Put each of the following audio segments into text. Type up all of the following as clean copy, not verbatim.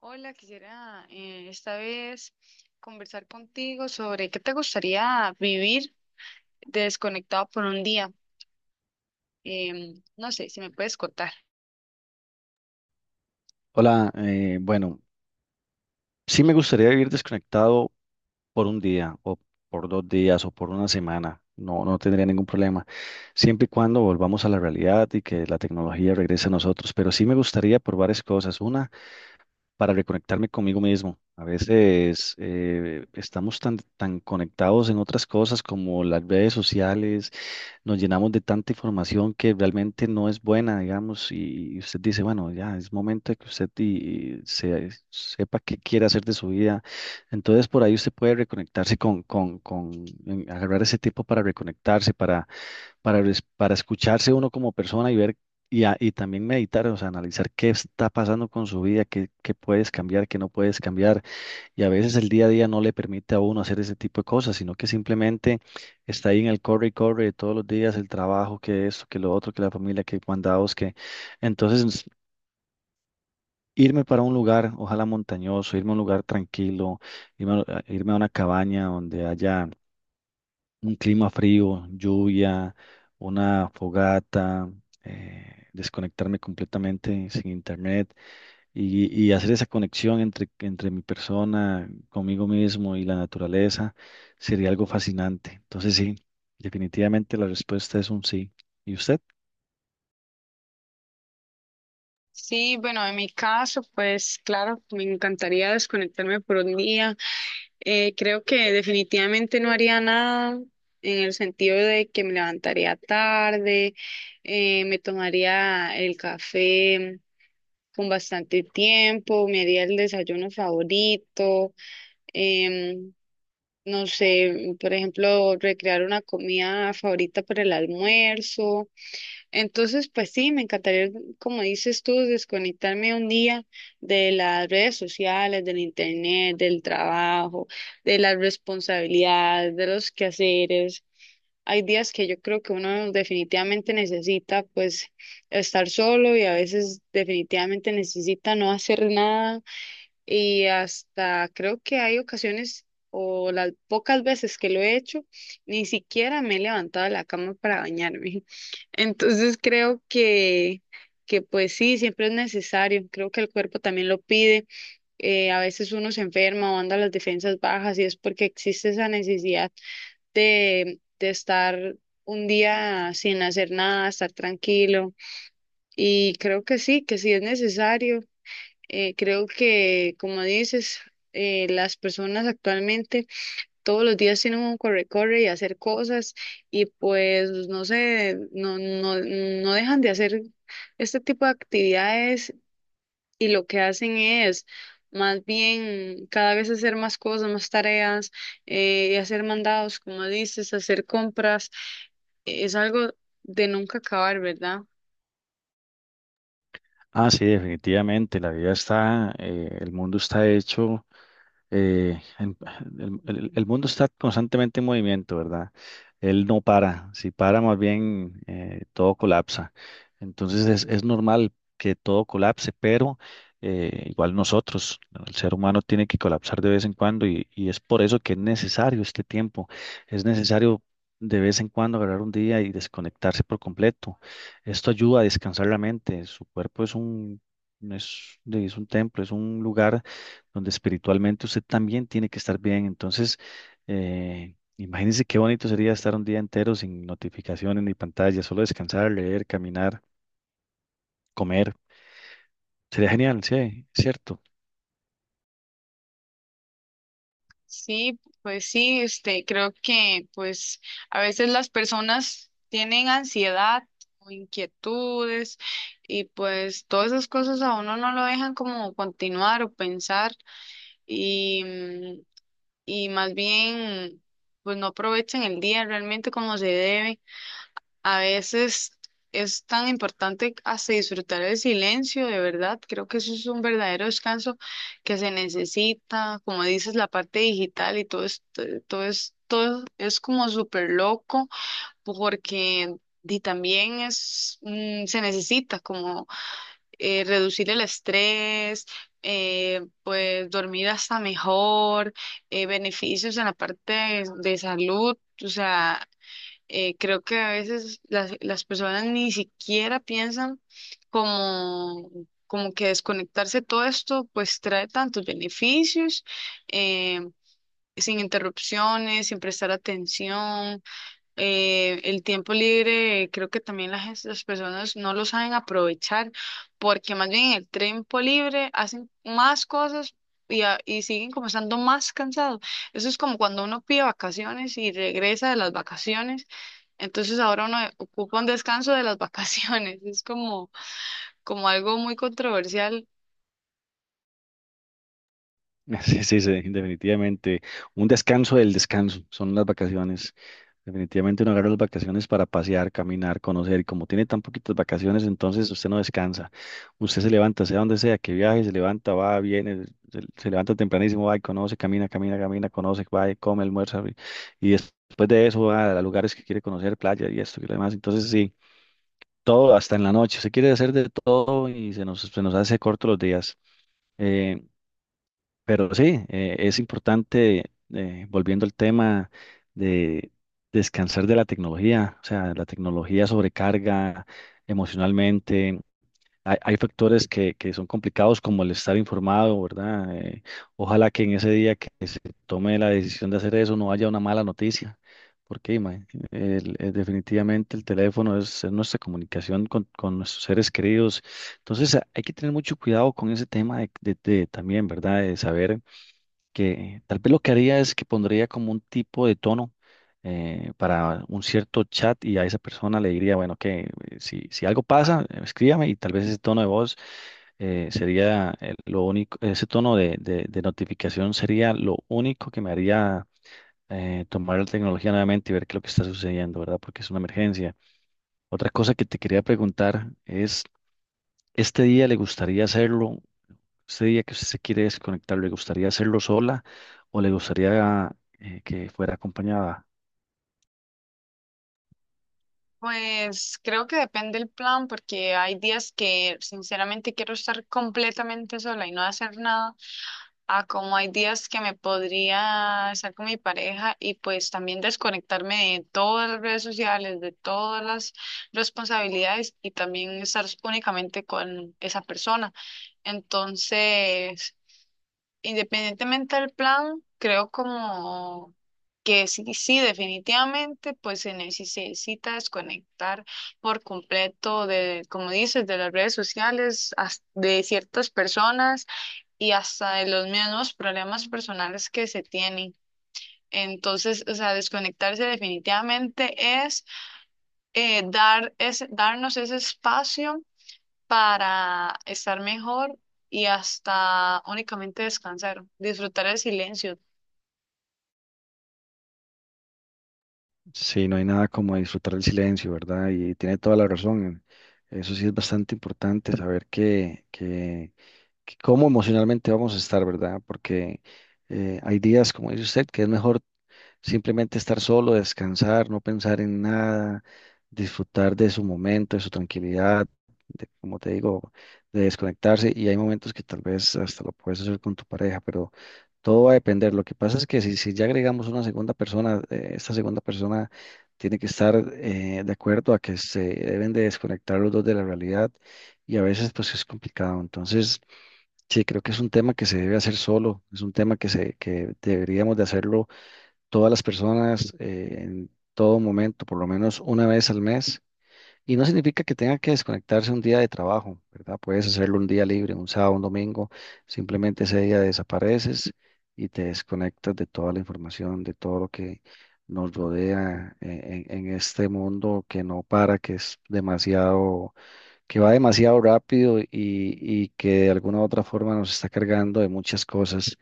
Hola, quisiera esta vez conversar contigo sobre qué te gustaría vivir desconectado por un día. No sé si me puedes contar. Hola, bueno, sí me gustaría vivir desconectado por un día o por dos días o por una semana. No tendría ningún problema, siempre y cuando volvamos a la realidad y que la tecnología regrese a nosotros. Pero sí me gustaría por varias cosas. Una, para reconectarme conmigo mismo. A veces estamos tan conectados en otras cosas como las redes sociales nos llenamos de tanta información que realmente no es buena, digamos, y usted dice, bueno, ya es momento de que usted y sepa qué quiere hacer de su vida. Entonces, por ahí usted puede reconectarse con agarrar ese tiempo para reconectarse, para, para escucharse uno como persona y ver. Y, y también meditar, o sea, analizar qué está pasando con su vida, qué puedes cambiar, qué no puedes cambiar y a veces el día a día no le permite a uno hacer ese tipo de cosas, sino que simplemente está ahí en el corre y corre de todos los días, el trabajo, que esto, que lo otro, que la familia, que mandados, que… Entonces, irme para un lugar, ojalá montañoso, irme a un lugar tranquilo, irme a una cabaña donde haya un clima frío, lluvia, una fogata, desconectarme completamente sin internet y hacer esa conexión entre mi persona, conmigo mismo y la naturaleza sería algo fascinante. Entonces sí, definitivamente la respuesta es un sí. ¿Y usted? Sí, bueno, en mi caso, pues claro, me encantaría desconectarme por un día. Creo que definitivamente no haría nada en el sentido de que me levantaría tarde, me tomaría el café con bastante tiempo, me haría el desayuno favorito, em, no sé, por ejemplo, recrear una comida favorita para el almuerzo. Entonces, pues sí, me encantaría, como dices tú, desconectarme un día de las redes sociales, del internet, del trabajo, de las responsabilidades, de los quehaceres. Hay días que yo creo que uno definitivamente necesita pues estar solo, y a veces definitivamente necesita no hacer nada. Y hasta creo que hay ocasiones o las pocas veces que lo he hecho, ni siquiera me he levantado de la cama para bañarme. Entonces creo que pues sí, siempre es necesario, creo que el cuerpo también lo pide. A veces uno se enferma o anda las defensas bajas, y es porque existe esa necesidad de estar un día sin hacer nada, estar tranquilo. Y creo que sí es necesario. Creo que, como dices, las personas actualmente todos los días tienen un corre-corre y hacer cosas. Y pues no sé, no dejan de hacer este tipo de actividades, y lo que hacen es más bien cada vez hacer más cosas, más tareas, y hacer mandados, como dices, hacer compras. Es algo de nunca acabar, ¿verdad? Ah, sí, definitivamente. El mundo está hecho. eh, en- el mundo está constantemente en movimiento, ¿verdad? Él no para, si para más bien todo colapsa. Entonces es normal que todo colapse, pero igual nosotros, el ser humano tiene que colapsar de vez en cuando y es por eso que es necesario este tiempo, es necesario de vez en cuando agarrar un día y desconectarse por completo. Esto ayuda a descansar la mente, su cuerpo es un, es un templo, es un lugar donde espiritualmente usted también tiene que estar bien. Entonces, imagínense qué bonito sería estar un día entero sin notificaciones ni pantallas, solo descansar, leer, caminar, comer. Sería genial, sí, cierto. Sí, pues sí, este, creo que pues a veces las personas tienen ansiedad o inquietudes, y pues todas esas cosas a uno no lo dejan como continuar o pensar. y, mm, y más bien pues no aprovechan el día realmente como se debe. A veces es tan importante hasta disfrutar el silencio, de verdad. Creo que eso es un verdadero descanso que se necesita. Como dices, la parte digital y todo es como súper loco porque. Y también es, se necesita como reducir el estrés, pues dormir hasta mejor, beneficios en la parte de salud. O sea, creo que a veces las personas ni siquiera piensan como, como que desconectarse de todo esto pues trae tantos beneficios, eh, sin interrupciones, sin prestar atención. El tiempo libre, creo que también las personas no lo saben aprovechar, porque más bien en el tiempo libre hacen más cosas. Y siguen como estando más cansados. Eso es como cuando uno pide vacaciones y regresa de las vacaciones, entonces ahora uno ocupa un descanso de las vacaciones. Es como, como algo muy controversial. Sí, definitivamente. Un descanso del descanso, son las vacaciones. Definitivamente uno agarra las vacaciones para pasear, caminar, conocer. Y como tiene tan poquitas vacaciones, entonces usted no descansa. Usted se levanta, sea donde sea, que viaje, se levanta, va, viene, se levanta tempranísimo, va y conoce, camina, conoce, va y come, almuerza. Y, después de eso va a lugares que quiere conocer, playa y esto y lo demás. Entonces sí, todo hasta en la noche. Se quiere hacer de todo y se nos hace corto los días. Eh, pero sí, es importante, volviendo al tema de descansar de la tecnología, o sea, la tecnología sobrecarga emocionalmente. Hay factores que son complicados como el estar informado, ¿verdad? Ojalá que en ese día que se tome la decisión de hacer eso no haya una mala noticia, porque definitivamente el teléfono es nuestra comunicación con nuestros seres queridos. Entonces, hay que tener mucho cuidado con ese tema de también, ¿verdad? De saber que tal vez lo que haría es que pondría como un tipo de tono para un cierto chat y a esa persona le diría, bueno, que si algo pasa, escríbame y tal vez ese tono de voz sería lo único, ese tono de notificación sería lo único que me haría tomar la tecnología nuevamente y ver qué es lo que está sucediendo, ¿verdad? Porque es una emergencia. Otra cosa que te quería preguntar es, ¿este día le gustaría hacerlo? Usted diría que usted se quiere desconectar, ¿le gustaría hacerlo sola o le gustaría que fuera acompañada? Pues creo que depende el plan, porque hay días que sinceramente quiero estar completamente sola y no hacer nada, a como hay días que me podría estar con mi pareja y pues también desconectarme de todas las redes sociales, de todas las responsabilidades, y también estar únicamente con esa persona. Entonces... Independientemente del plan, creo como que sí, sí, definitivamente, pues se necesita desconectar por completo de, como dices, de las redes sociales, de ciertas personas y hasta de los mismos problemas personales que se tienen. Entonces, o sea, desconectarse definitivamente es darnos ese espacio para estar mejor y hasta únicamente descansar, disfrutar el silencio. Sí, no hay nada como disfrutar del silencio, ¿verdad? Y tiene toda la razón. Eso sí es bastante importante saber que cómo emocionalmente vamos a estar, ¿verdad? Porque hay días, como dice usted, que es mejor simplemente estar solo, descansar, no pensar en nada, disfrutar de su momento, de su tranquilidad, de, como te digo, de desconectarse. Y hay momentos que tal vez hasta lo puedes hacer con tu pareja, pero todo va a depender. Lo que pasa es que si ya agregamos una segunda persona, esta segunda persona tiene que estar de acuerdo a que se deben de desconectar los dos de la realidad y a veces pues es complicado. Entonces, sí, creo que es un tema que se debe hacer solo, es un tema que deberíamos de hacerlo todas las personas en todo momento, por lo menos una vez al mes. Y no significa que tenga que desconectarse un día de trabajo, ¿verdad? Puedes hacerlo un día libre, un sábado, un domingo. Simplemente ese día desapareces y te desconectas de toda la información, de todo lo que nos rodea en este mundo que no para, que es demasiado, que va demasiado rápido y- que de alguna u otra forma nos está cargando de muchas cosas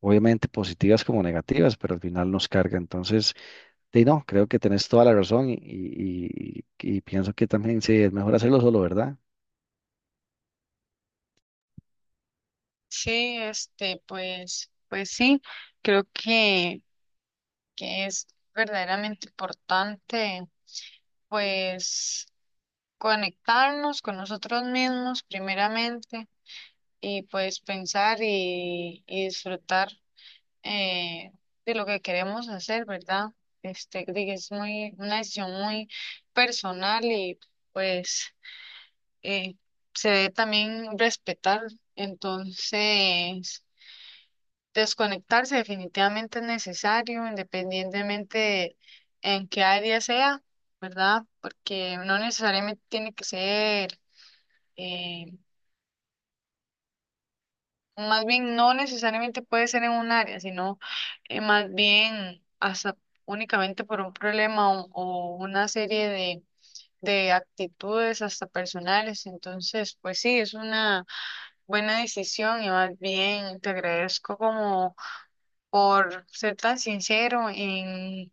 obviamente positivas como negativas, pero al final nos carga. Entonces, sí, no, creo que tenés toda la razón y pienso que también sí, es mejor hacerlo solo, ¿verdad? Sí, este, pues sí, creo que es verdaderamente importante, pues, conectarnos con nosotros mismos primeramente, y pues pensar y disfrutar, eh, de lo que queremos hacer, ¿verdad? Este, de que es muy, una decisión muy personal, y pues eh, se debe también respetar. Entonces, desconectarse definitivamente es necesario, independientemente de en qué área sea, ¿verdad? Porque no necesariamente tiene que ser, eh, más bien no necesariamente puede ser en un área, sino más bien hasta únicamente por un problema o una serie de actitudes hasta personales. Entonces, pues sí, es una buena decisión, y más bien te agradezco como por ser tan sincero en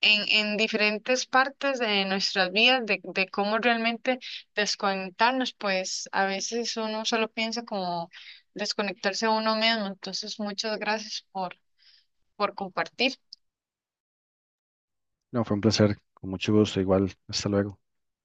en, en diferentes partes de nuestras vidas, de cómo realmente desconectarnos, pues a veces uno solo piensa como desconectarse a uno mismo. Entonces, muchas gracias por compartir. No, fue un placer, con mucho gusto, igual, hasta luego.